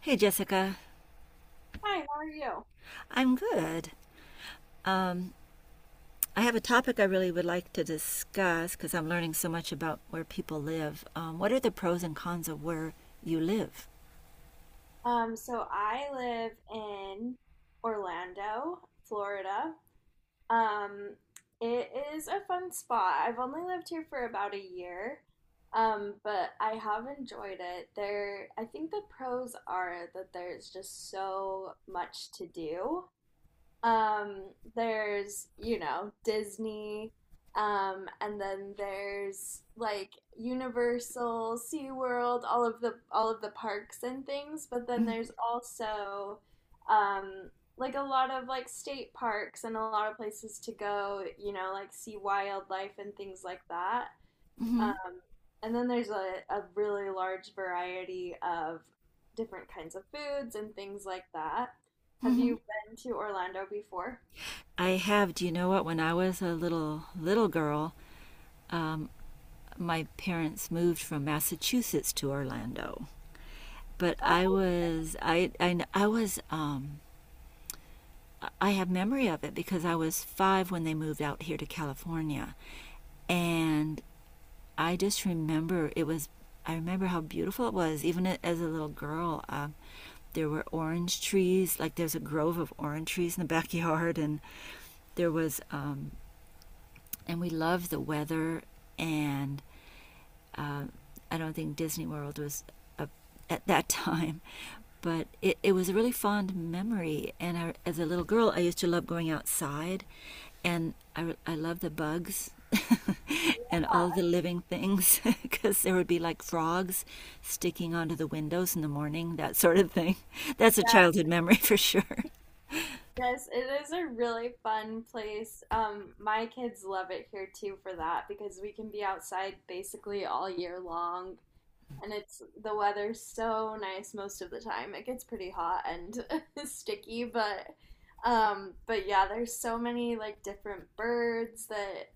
Hey, Jessica. Hi, how are you? I'm good. Um, I have a topic I really would like to discuss because I'm learning so much about where people live. What are the pros and cons of where you live? So I live in Orlando, Florida. Um, it is a fun spot. I've only lived here for about a year, but I have enjoyed it. There, I think the pros are that there's just so much to do. Um, there's, you know, Disney, and then there's like Universal, SeaWorld, all of the parks and things, but then there's also um like a lot of like state parks and a lot of places to go, you know, like see wildlife and things like that. Mm-hmm. Um, and then there's a really large variety of different kinds of foods and things like that. Have Hmm. you been to Orlando before? I have. Do you know what? When I was a little girl, um, my parents moved from Massachusetts to Orlando. But I Oh, was I I, I was um, I have memory of it because I was 5 when they moved out here to California, and I just remember it was. I remember how beautiful it was, even as a little girl. There were orange trees, like there's a grove of orange trees in the backyard, and there was, and we loved the weather, and um, I don't think Disney World was a, at that time, but it was a really fond memory. And I, as a little girl, I used to love going outside, and I love the bugs and yeah. all the living things because there would be like frogs sticking onto the windows in the morning, that sort of thing. That's a Yeah, childhood memory for sure. yes, it is a really fun place. My kids love it here too for that because we can be outside basically all year long. And it's the weather's so nice most of the time. It gets pretty hot and sticky, but yeah, there's so many like different birds that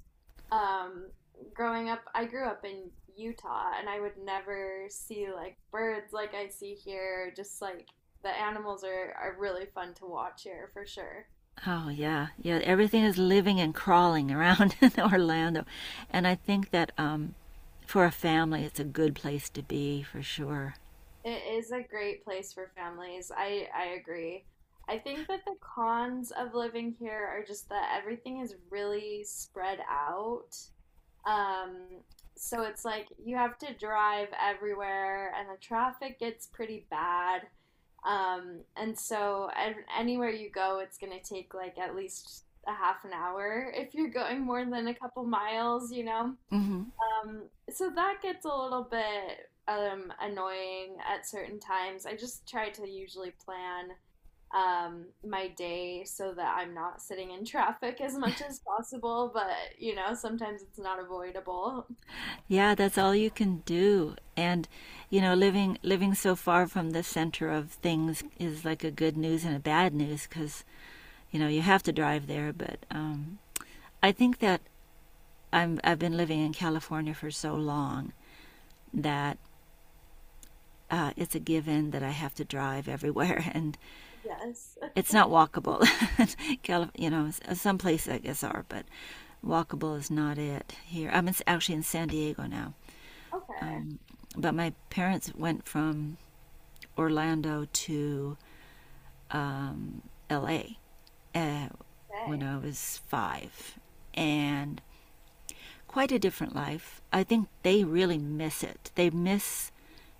um growing up I grew up in Utah and I would never see like birds like I see here. Just like the animals are really fun to watch here for sure. Oh, yeah. Yeah, everything is living and crawling around in Orlando. And I think that for a family, it's a good place to be for sure. It is a great place for families. I agree. I think that the cons of living here are just that everything is really spread out. Um, so it's like you have to drive everywhere, and the traffic gets pretty bad. And so anywhere you go, it's going to take like at least a half an hour if you're going more than a couple miles, you know? Hmm. Um, so that gets a little bit annoying at certain times. I just try to usually plan my day so that I'm not sitting in traffic as much as possible, but you know, sometimes it's not avoidable. Yeah, that's all you can do. Living so far from the center of things is like a good news and a bad news because, you have to drive there. But I think that I've been living in California for so long that it's a given that I have to drive everywhere. And Yes. it's not walkable. you know, some places I guess are, but walkable is not it here. Actually in San Diego now. Okay. Um, but my parents went from Orlando to um, L.A. Uh, when Okay. I was 5, and quite a different life. I think they really miss it. They miss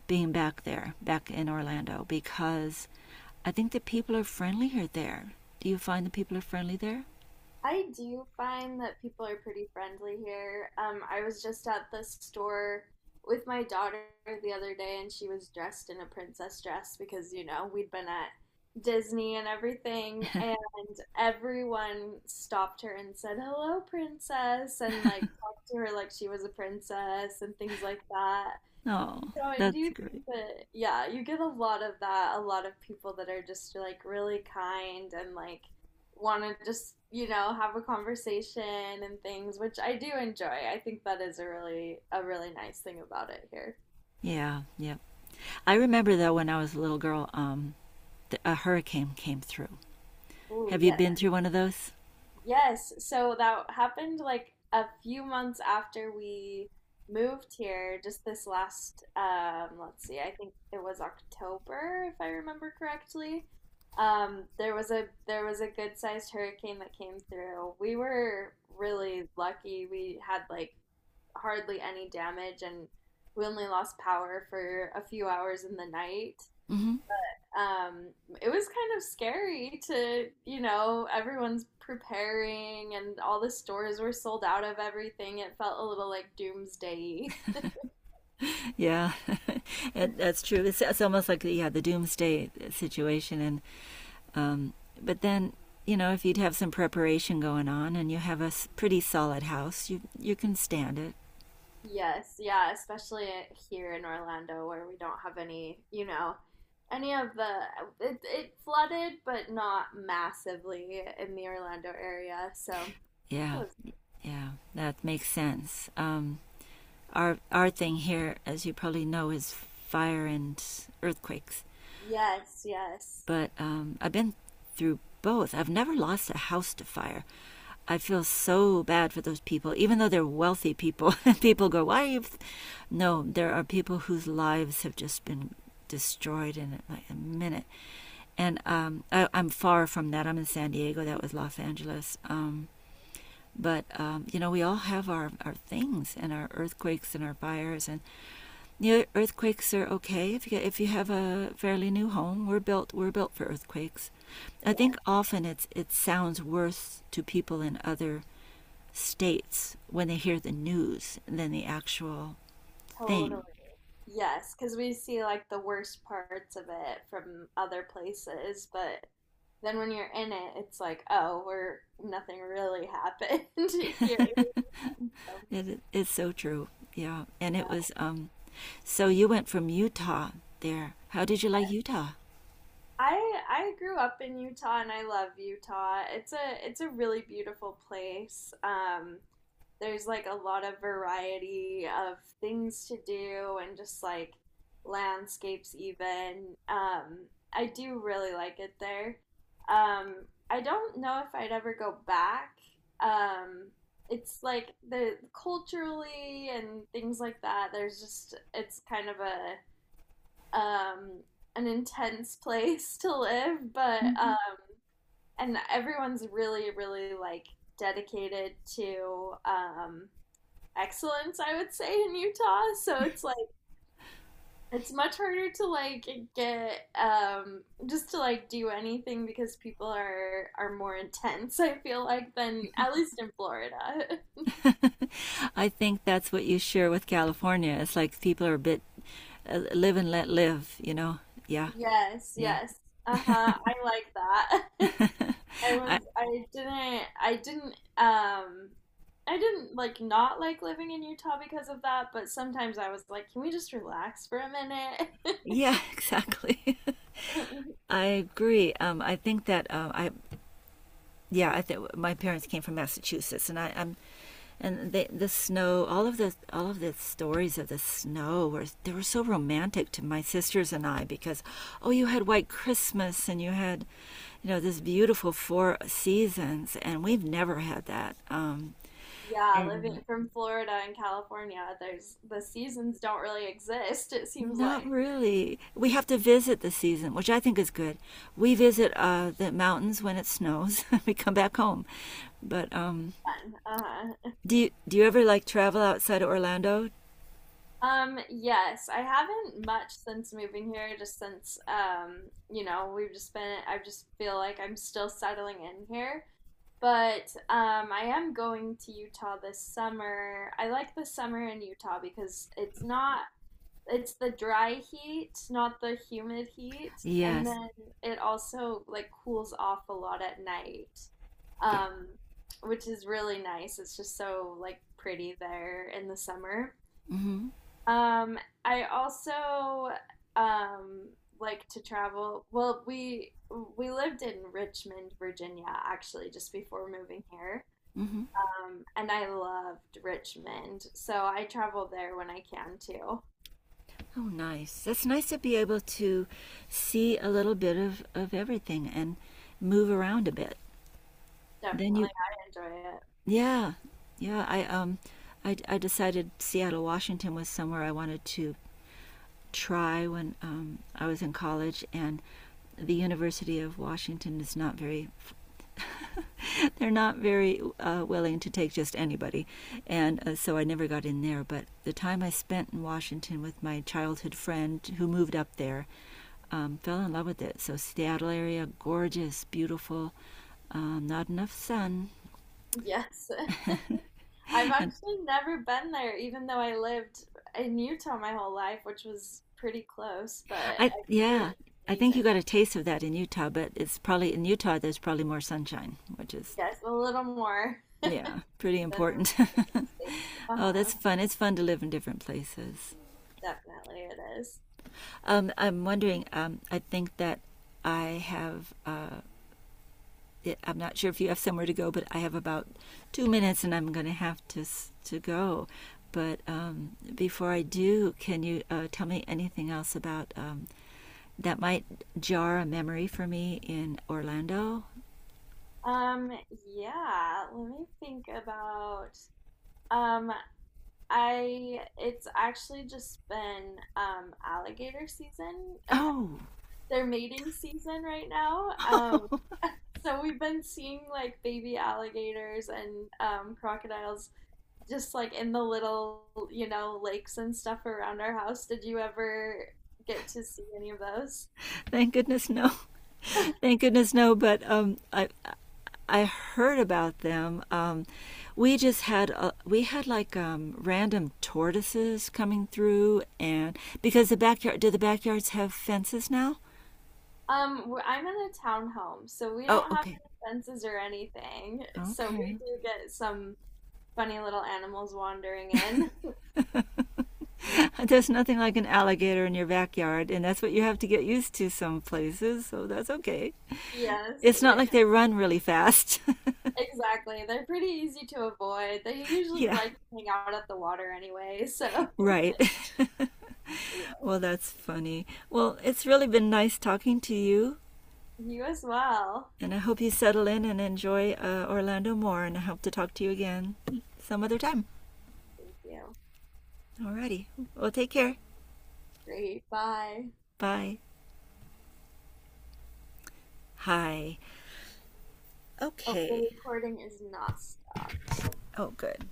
being back there, back in Orlando, because I think the people are friendlier there. Do you find the people are friendly there? I do find that people are pretty friendly here. I was just at the store with my daughter the other day, and she was dressed in a princess dress because, you know, we'd been at Disney and everything, and everyone stopped her and said, "Hello, princess," and like talked to her like she was a princess and things like that. Oh, So I that's do great. think that, yeah, you get a lot of that, a lot of people that are just like really kind and like want to just, you know, have a conversation and things, which I do enjoy. I think that is a really nice thing about it here. Yeah, yeah. I remember though when I was a little girl, a hurricane came through. Oh, Have you yes. been through one of those? Yes, so that happened like a few months after we moved here, just this last let's see, I think it was October if I remember correctly. There was a there was a good-sized hurricane that came through. We were really lucky. We had like hardly any damage and we only lost power for a few hours in the night. Hmm. um, it was kind of scary to, you know, everyone's preparing and all the stores were sold out of everything. It felt a little like doomsday. Yeah, that's true. It's almost like yeah, the doomsday situation, and um, but then you know if you'd have some preparation going on and you have a pretty solid house, you can stand it. Yes, yeah, especially here in Orlando where we don't have any, you know, any of the it flooded, but not massively in the Orlando area. So, that Yeah, was- yeah, that makes sense. Our thing here, as you probably know, is fire and earthquakes. yes, yes. But I've been through both. I've never lost a house to fire. I feel so bad for those people, even though they're wealthy people. People go, why are you? No, there are people whose lives have just been destroyed in like a minute. And I'm far from that. I'm in San Diego. That was Los Angeles. But you know, we all have our things and our earthquakes and our fires, and new earthquakes are okay if if you have a fairly new home. We're built for earthquakes. I Yeah, think often it sounds worse to people in other states when they hear the news than the actual totally. thing. Yes, because we see like the worst parts of it from other places, but then when you're in it, it's like, oh, we're nothing really happened here. Um, It's so true. Yeah, and it was so you went from Utah there. How did you like Utah? I grew up in Utah and I love Utah. It's a really beautiful place. There's like a lot of variety of things to do and just like landscapes even. I do really like it there. Um, I don't know if I'd ever go back. Um, it's like the culturally and things like that. There's just it's kind of a um, an intense place to live, but Mm-hmm. And everyone's really, really like dedicated to excellence. I would say in Utah, so it's like it's much harder to like get just to like do anything because people are more intense. I feel like than at least in Florida. I think that's what you share with California. It's like people are a bit live and let live. You know? Yeah, Yes, yeah. yes. Uh-huh. I like that. I I, was I didn't like not like living in Utah because of that, but sometimes I was like, can we just relax for a minute? yeah, exactly. I agree. I think that I yeah, I think my parents came from Massachusetts, and I'm and they, the snow, all of the stories of the snow were they were so romantic to my sisters and I because oh, you had White Christmas and you had you know this beautiful four seasons, and we've never had that. Yeah, living from Florida and California, there's the seasons don't really exist, it seems Not like really. We have to visit the season, which I think is good. We visit the mountains when it snows. We come back home. But then. Uh-huh. do you ever like travel outside of Orlando? Yes, I haven't much since moving here, just since you know, we've just been I just feel like I'm still settling in here. But I am going to Utah this summer. I like the summer in Utah because it's not, it's the dry heat, not the humid heat. And Yes. then it also like cools off a lot at night, Yeah. um, which is really nice. It's just so like pretty there in the summer. Mm-hmm. Um, I also um, like to travel. Well, we lived in Richmond, Virginia, actually, just before moving here. Mm-hmm. And I loved Richmond, so I travel there when I can too. Oh, nice. That's nice to be able to see a little bit of everything and move around a bit. Then Definitely, you, I enjoy it. yeah, yeah. I I decided Seattle, Washington was somewhere I wanted to try when I was in college, and the University of Washington is not very, they're not very willing to take just anybody. And so I never got in there. But the time I spent in Washington with my childhood friend who moved up there, fell in love with it. So Seattle area, gorgeous, beautiful, not enough sun. Yes, I've And actually never been there, even though I lived in Utah my whole life, which was pretty close, but I hear yeah, it's I think you amazing. got a taste of that in Utah, but it's probably in Utah, there's probably more sunshine, which is Yes, a little more yeah, pretty than those important. United States. Oh, that's Uh-huh. fun. It's fun to live in different places. Definitely it is. I'm wondering, I think that I have, I'm not sure if you have somewhere to go, but I have about 2 minutes and I'm going to have to go. But before I do, can you tell me anything else about that might jar a memory for me in Orlando? Um, yeah, let me think about um I it's actually just been alligator season. Oh, They're mating season right now. So we've been seeing like baby alligators and crocodiles just like in the little, you know, lakes and stuff around our house. Did you ever get to see any of those? thank goodness, no. Thank goodness, no. But I heard about them. We just had we had like random tortoises coming through, and because the backyard do the backyards have fences now? I'm in a townhome, so we Oh, don't have okay, any fences or anything. So we okay. do get some funny little animals wandering in. There's nothing like an alligator in your backyard, and that's what you have to get used to some places. So that's okay. Yes, It's not yes. like they run really fast. Exactly. They're pretty easy to avoid. They usually Yeah, like to hang out at the water anyway, so right. yeah. Well, that's funny. Well, it's really been nice talking to you. You as well. And I hope you settle in and enjoy Orlando more. And I hope to talk to you again some other time. Thank you. Alrighty. Well, take care. Great. Bye. Bye. Hi. Oh, the Okay. recording is not stopped. Oh, good.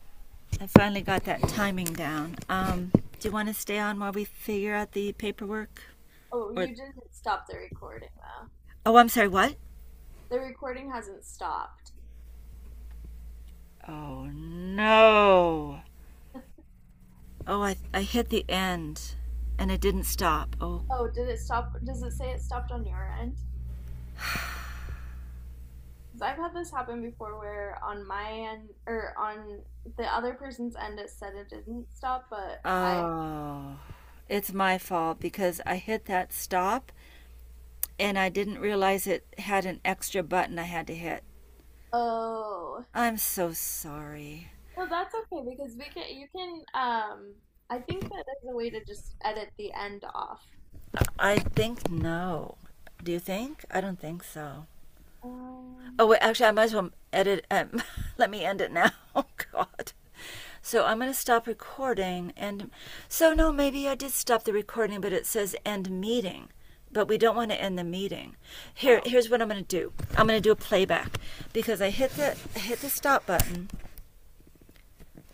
I finally got that timing down. Do you want to stay on while we figure out the paperwork? Oh, Or you didn't stop the recording though. oh, I'm sorry. What? The recording hasn't stopped. Oh no. Oh, I hit the end, and it didn't stop. Oh. Oh, did it stop? Does it say it stopped on your end? Because I've had this happen before where on my end or on the other person's end it said it didn't stop, but Oh. It's my fault because I hit that stop and I didn't realize it had an extra button I had to hit. oh. I'm so sorry. No, that's okay because we can you can I think that there's a way to just edit the end off. I think no. Do you think? I don't think so. Um, Oh, wait, actually, I might as well edit. Let me end it now. Oh, God. So I'm going to stop recording. And so, no, maybe I did stop the recording, but it says end meeting. But we don't want to end the meeting. Oh. Here's what I'm going to do. I'm going to do a playback because I hit the stop button.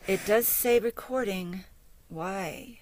It does say recording. Why?